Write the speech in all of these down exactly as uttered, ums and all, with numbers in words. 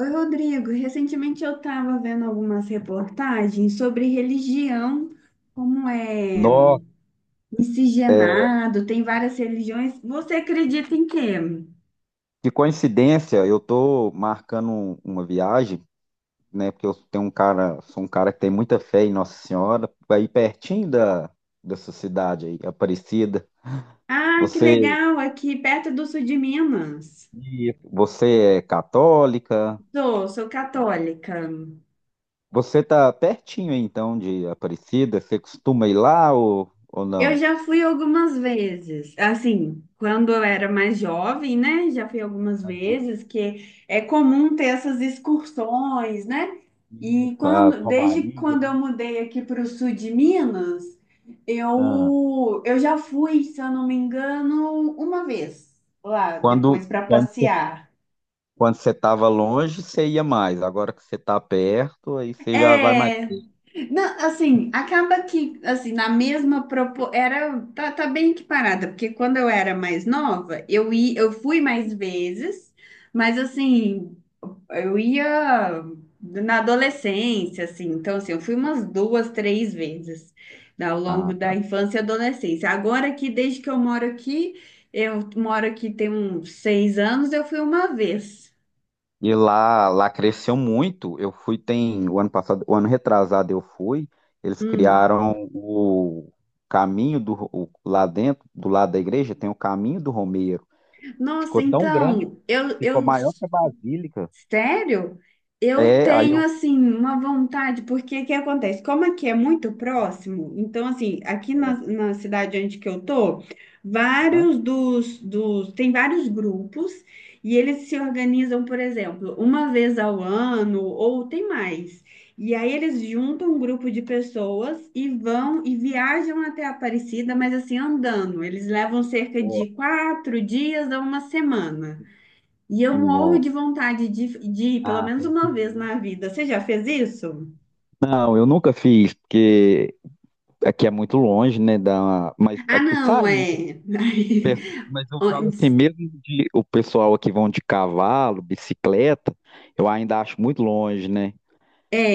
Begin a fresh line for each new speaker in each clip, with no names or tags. Oi, Rodrigo. Recentemente eu estava vendo algumas reportagens sobre religião, como é
Nó,
miscigenado, tem várias religiões. Você acredita em quê?
que coincidência, eu tô marcando um, uma viagem, né? Porque eu tenho um cara, sou um cara que tem muita fé em Nossa Senhora, aí pertinho da dessa cidade aí, Aparecida.
Ah, que
Você,
legal, aqui perto do sul de Minas.
você é católica?
Sou, sou católica.
Você tá pertinho então de Aparecida? Você costuma ir lá, ou, ou
Eu
não?
já fui algumas vezes, assim, quando eu era mais jovem, né? Já fui algumas vezes, que é comum ter essas excursões, né? E
Isso, a
quando, desde
Romaria,
quando eu
né?
mudei aqui para o sul de Minas,
Ah,
eu, eu já fui, se eu não me engano, uma vez lá
quando
depois para
quando você
passear.
quando você estava longe, você ia mais. Agora que você está perto, aí você já vai mais.
É. Não, assim, acaba que, assim, na mesma propo... era, tá, tá bem equiparada, porque quando eu era mais nova, eu ia, eu fui mais vezes, mas assim, eu ia na adolescência, assim, então assim, eu fui umas duas, três vezes, né, ao
Ah,
longo da
tá.
infância e adolescência. Agora que desde que eu moro aqui, eu moro aqui tem uns seis anos, eu fui uma vez.
E lá, lá cresceu muito. Eu fui, tem o ano passado, o ano retrasado eu fui. Eles
Hum.
criaram o caminho do o- lá dentro, do lado da igreja, tem o caminho do Romeiro.
Nossa,
Ficou tão grande,
então, eu,
ficou
eu
maior que a Basílica.
Sério? Eu
É, aí
tenho
eu.
assim uma vontade, porque o que acontece? Como aqui é muito próximo, então assim, aqui na,
É,
na cidade onde que eu tô,
aham.
vários dos, dos tem vários grupos e eles se organizam, por exemplo, uma vez ao ano ou tem mais. E aí eles juntam um grupo de pessoas e vão e viajam até Aparecida, mas assim andando. Eles levam cerca
Ó,
de quatro dias a uma semana. E eu morro de
no-
vontade de, de ir pelo
ah,
menos
tem que
uma vez
ir.
na vida. Você já fez isso?
Não, eu nunca fiz, porque aqui é muito longe, né? Da... Mas
Ah,
aqui
não,
sai muito.
é.
Pe- Mas eu falo assim,
Antes-
mesmo de o pessoal aqui vão de cavalo, bicicleta, eu ainda acho muito longe, né?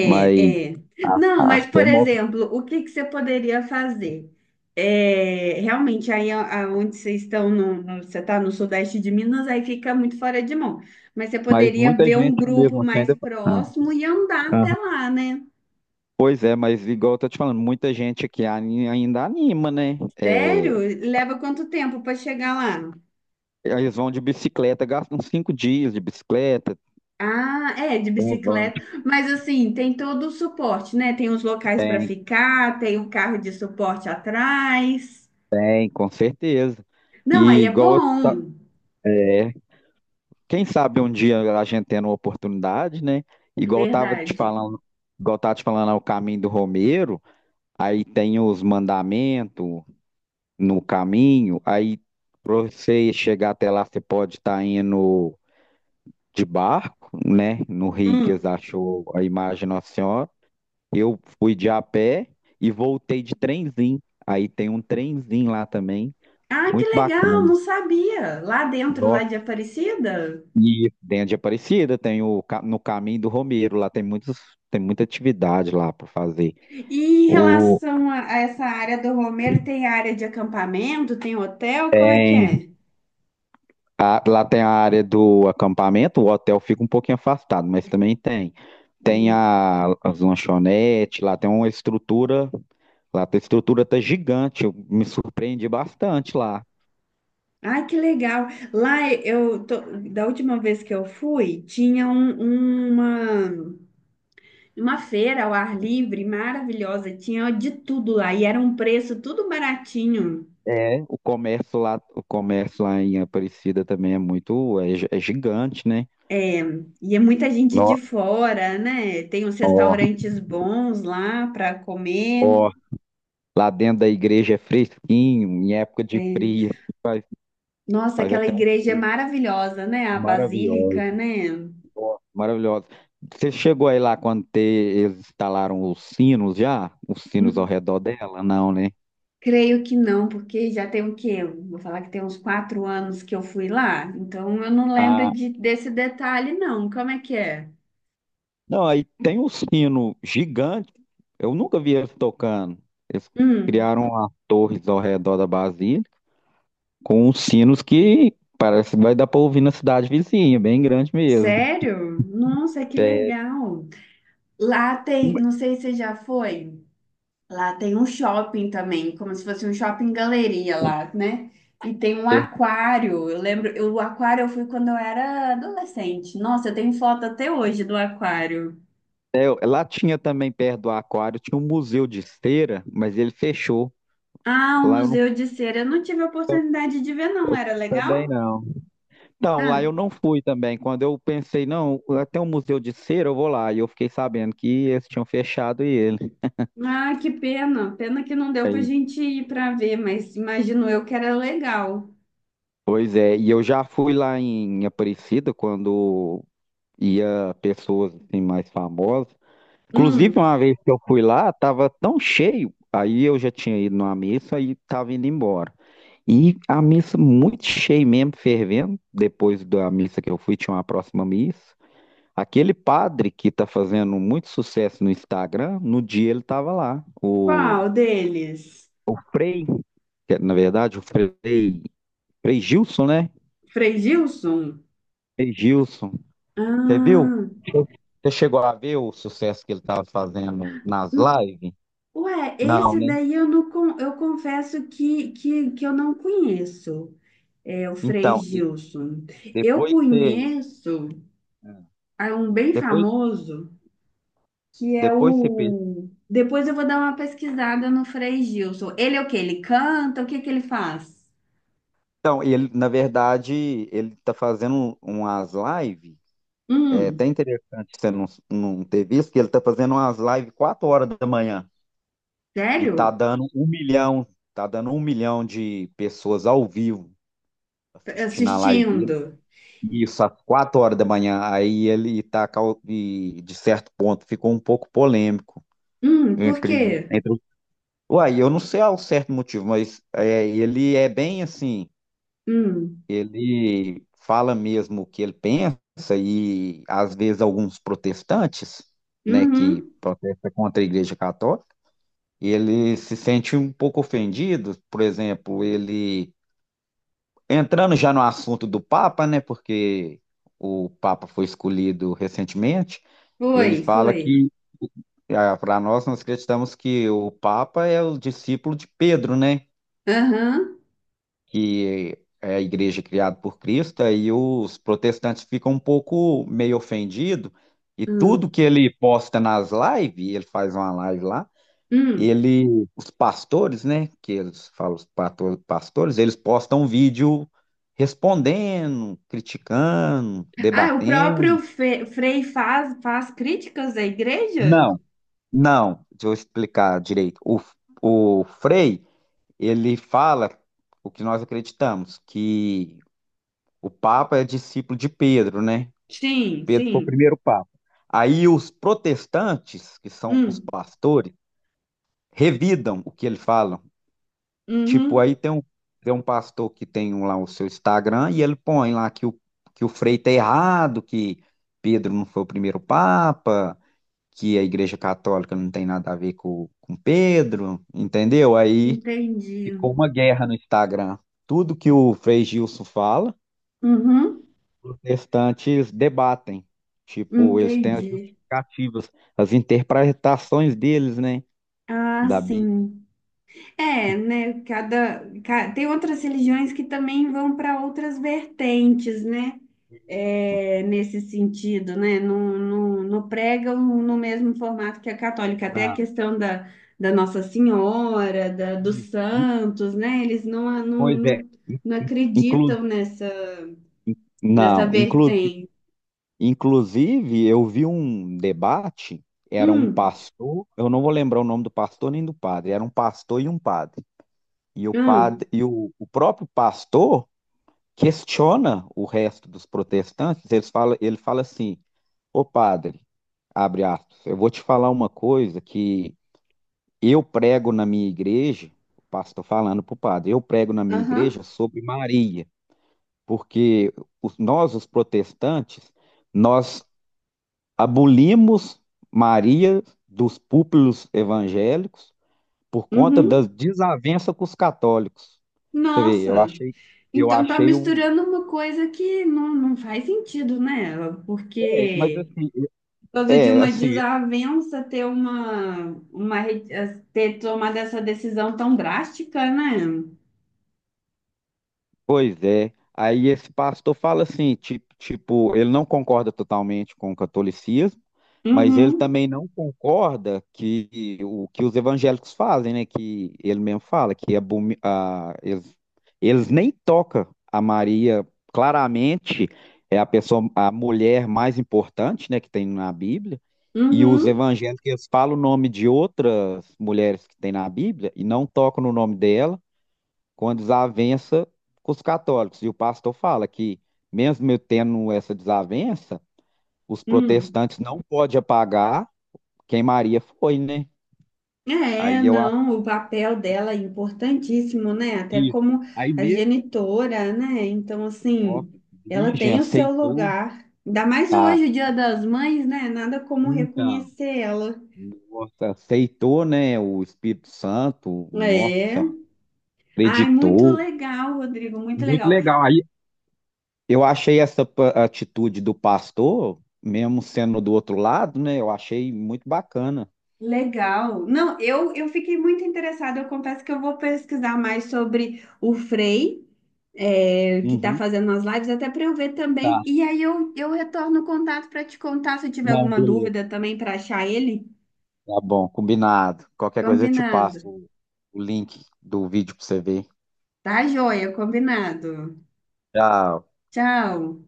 Mas
é.
a,
Não,
a
mas, por
fé move,
exemplo, o que que você poderia fazer? É, realmente, aí a- aonde vocês estão, no, no- você está no sudeste de Minas, aí fica muito fora de mão. Mas você
mas
poderia
muita
ver um
gente
grupo
mesmo assim
mais
ainda. Ah,
próximo e andar
aham.
até lá, né?
Pois é, mas igual eu tô te falando, muita gente aqui ani- ainda anima, né? É,
Sério? Leva quanto tempo para chegar lá?
eles vão de bicicleta, gastam uns cinco dias de bicicleta,
Ah, é, de
uns vão
bicicleta. Mas assim, tem todo o suporte, né? Tem os locais para ficar, tem o carro de suporte atrás.
bem, com certeza.
Não, aí
E
é
igual eu
bom,
é, quem sabe um dia a gente tendo uma oportunidade, né? Igual eu tava te
verdade.
falando, igual eu tava te falando, é o caminho do Romeiro, aí tem os mandamentos no caminho, aí para você chegar até lá, você pode estar indo de barco, né? No rio que eles
Hum.
achou a imagem de Nossa Senhora. Eu fui de a pé e voltei de trenzinho. Aí tem um trenzinho lá também,
Ah, que
muito
legal,
bacana.
não sabia. Lá dentro, lá de Aparecida.
E dentro de Aparecida tem o ca- no Caminho do Romeiro, lá tem muitos, tem muita atividade lá para fazer.
E em
O,
relação a, a essa área do Romero, tem área de acampamento, tem hotel, como é que é?
a- lá tem a área do acampamento, o hotel fica um pouquinho afastado, mas também tem. Tem
Hum.
a, as lanchonetes, lá tem uma estrutura, lá tem- a estrutura tá gigante, eu me surpreendi bastante lá.
Ai, que legal. Lá eu tô, da última vez que eu fui, tinha um- uma Uma feira ao ar livre, maravilhosa, tinha de tudo lá e era um preço tudo baratinho.
É, o comércio lá, o comércio lá em Aparecida também é muito, é, gi- é gigante, né?
É, e é muita gente de
Nó-
fora, né? Tem uns
Ó,
restaurantes bons lá para comer.
ó. Lá dentro da igreja é fresquinho, em época de
É.
frio, faz,
Nossa,
faz
aquela
até um
igreja é
frio
maravilhosa, né? A
maravilhoso.
Basílica, né?
Nossa, maravilhoso. Você chegou aí lá quando te- eles instalaram os sinos já? Os sinos ao
Hum,
redor dela? Não, né?
Creio que não, porque já tem o quê? Vou falar que tem uns quatro anos que eu fui lá, então eu não lembro de- desse detalhe, não. Como é que é?
Não, aí tem um sino gigante. Eu nunca vi eles tocando. Eles
Hum,
criaram as torres ao redor da Basílica com uns sinos que parece que vai dar para ouvir na cidade vizinha, bem grande mesmo.
Sério? Nossa, que legal! Lá tem, não sei se você já foi, lá tem um shopping também, como se fosse um shopping galeria lá, né? E tem um
É,
aquário. Eu lembro, eu, o aquário eu fui quando eu era adolescente. Nossa, eu tenho foto até hoje do aquário.
é, eu- lá tinha também perto do aquário, tinha um museu de cera, mas ele fechou.
Ah, o
Lá eu não.
Museu de Cera. Eu não tive a oportunidade de ver, não. Era
Também
legal?
não. Não, lá
Ah,
eu não fui também. Quando eu pensei, não, até um museu de cera, eu vou lá. E eu fiquei sabendo que eles tinham fechado e ele.
ah, que pena. Pena que não deu pra gente ir pra ver, mas imagino eu que era legal.
Pois é, e eu já fui lá em Aparecida quando ia pessoas assim, mais famosas. Inclusive,
Hum,
uma vez que eu fui lá, tava tão cheio. Aí eu já tinha ido numa missa e tava indo embora. E a missa muito cheia mesmo, fervendo. Depois da missa que eu fui, tinha uma próxima missa. Aquele padre que tá fazendo muito sucesso no Instagram, no dia ele tava lá. O,
Qual deles?
o Frei, que é, na verdade, o Frei, Frei Gilson, né?
Frei Gilson?
Frei Gilson. Você viu?
Ah.
Você chegou a ver o sucesso que ele tava fazendo nas lives?
Ué,
Não,
esse
né?
daí eu não con- eu confesso que, que, que eu não conheço, é o Frei
Então, e
Gilson. Eu
depois você,
conheço, ah, um bem
depois,
famoso que é
depois você... pe-
o. Depois eu vou dar uma pesquisada no Frei Gilson. Ele é o quê? Ele canta? O que que ele faz?
Então, ele, na verdade, ele tá fazendo umas lives. É até
Hum,
interessante você não, não ter visto que ele tá fazendo umas lives quatro horas da manhã e tá
Sério?
dando um milhão, tá dando um milhão de pessoas ao vivo assistindo a live dele.
Assistindo?
Isso, às quatro horas da manhã. Aí ele tá, cau- e, de certo ponto, ficou um pouco polêmico
Hum, por
entre,
quê?
entre... os- Uai, eu não sei ao certo motivo, mas é, ele é bem assim.
Hum.
Ele fala mesmo o que ele pensa e às vezes alguns protestantes, né, que
Uhum.
protestam contra a Igreja Católica, ele se sente um pouco ofendido, por exemplo, ele entrando já no assunto do Papa, né, porque o Papa foi escolhido recentemente, ele
Foi,
fala
foi.
que ah, para nós nós acreditamos que o Papa é o discípulo de Pedro, né?
Aham.
Que é a igreja criada por Cristo, aí os protestantes ficam um pouco meio ofendidos, e tudo
Hum,
que ele posta nas lives, ele faz uma live lá,
hum.
ele, os pastores, né, que eles falam os pato- pastores, eles postam um vídeo respondendo, criticando,
Ah, o próprio
debatendo.
Fe- Frei faz, faz críticas à igreja?
Não, não, deixa eu explicar direito. O, o Frei, ele fala o que nós acreditamos, que o Papa é discípulo de Pedro, né?
Sim,
Pedro foi o
sim.
primeiro papa. Aí os protestantes, que são os
Hum.
pastores, revidam o que ele fala. Tipo,
Uhum.
aí tem um, tem um, pastor que tem um lá o seu Instagram e ele põe lá que o, que o Frei tá errado, que Pedro não foi o primeiro papa, que a Igreja Católica não tem nada a ver com, com Pedro, entendeu? Aí
Entendi.
ficou uma guerra no Instagram. Tudo que o Frei Gilson fala,
Uhum.
protestantes debatem, tipo, eles têm as
Entendi.
justificativas, as interpretações deles, né,
Ah,
da Bíblia.
sim. É, né? Cada, ca- tem outras religiões que também vão para outras vertentes, né? É, nesse sentido, né? Não, não, não pregam no mesmo formato que a católica. Até a
Não.
questão da, da Nossa Senhora, da, dos
E- e-
santos, né? Eles não, não,
Pois é.
não, não
Inclu...
acreditam nessa, nessa
Não, inclu...
vertente.
inclusive eu vi um debate, era um
Hum,
pastor, eu não vou lembrar o nome do pastor nem do padre, era um pastor e um padre. E o
hum.
padre e o, o próprio pastor questiona o resto dos protestantes, eles fala, ele fala assim: Ô padre, abre aspas, eu vou te falar uma coisa que eu prego na minha igreja, o pastor falando para o padre, eu prego na minha
Aham.
igreja sobre Maria, porque os- nós, os protestantes, nós abolimos Maria dos púlpitos evangélicos por conta
Uhum.
das desavenças com os católicos. Você vê, eu
Nossa.
achei, eu
Então tá
achei o.
misturando uma coisa que não, não faz sentido, né?
É, mas
Porque
assim,
todo dia
é,
uma
assim,
desavença ter uma, uma re- ter tomado essa decisão tão drástica, né?
pois é. Aí esse pastor fala assim, ti- tipo, ele não concorda totalmente com o catolicismo, mas ele
Uhum,
também não concorda que o que os evangélicos fazem, né? Que ele mesmo fala que abomi- a- eles, eles nem tocam a Maria. Claramente é a pessoa, a mulher mais importante, né, que tem na Bíblia. E os
uhum,
evangélicos eles falam o nome de outras mulheres que tem na Bíblia e não tocam no nome dela. Com a desavença com os católicos. E o pastor fala que, mesmo eu tendo essa desavença, os
hum.
protestantes não podem apagar quem Maria foi, né?
É,
Aí eu acho
não, o papel dela é importantíssimo, né? Até
que.
como
Aí
a
mesmo,
genitora, né? Então, assim,
nossa,
ela
virgem
tem o seu
aceitou,
lugar. Ainda mais
tá?
hoje, o Dia das Mães, né? Nada como
Então,
reconhecer ela.
nossa, aceitou, né? O Espírito Santo,
É.
nossa,
Ai, muito
acreditou.
legal, Rodrigo, muito
Muito
legal.
legal. Aí eu achei essa pa- atitude do pastor, mesmo sendo do outro lado, né? Eu achei muito bacana.
Legal. Não, eu, eu fiquei muito interessada. Eu confesso que eu vou pesquisar mais sobre o Frei, é, que está
Uhum.
fazendo as lives, até para eu ver também. E aí eu, eu retorno o contato para te contar se eu tiver
Não,
alguma
beleza.
dúvida também para achar ele.
Tá bom, combinado. Qualquer coisa eu te
Combinado.
passo o o link do vídeo pra você ver.
Tá, joia, combinado.
Tchau.
Tchau.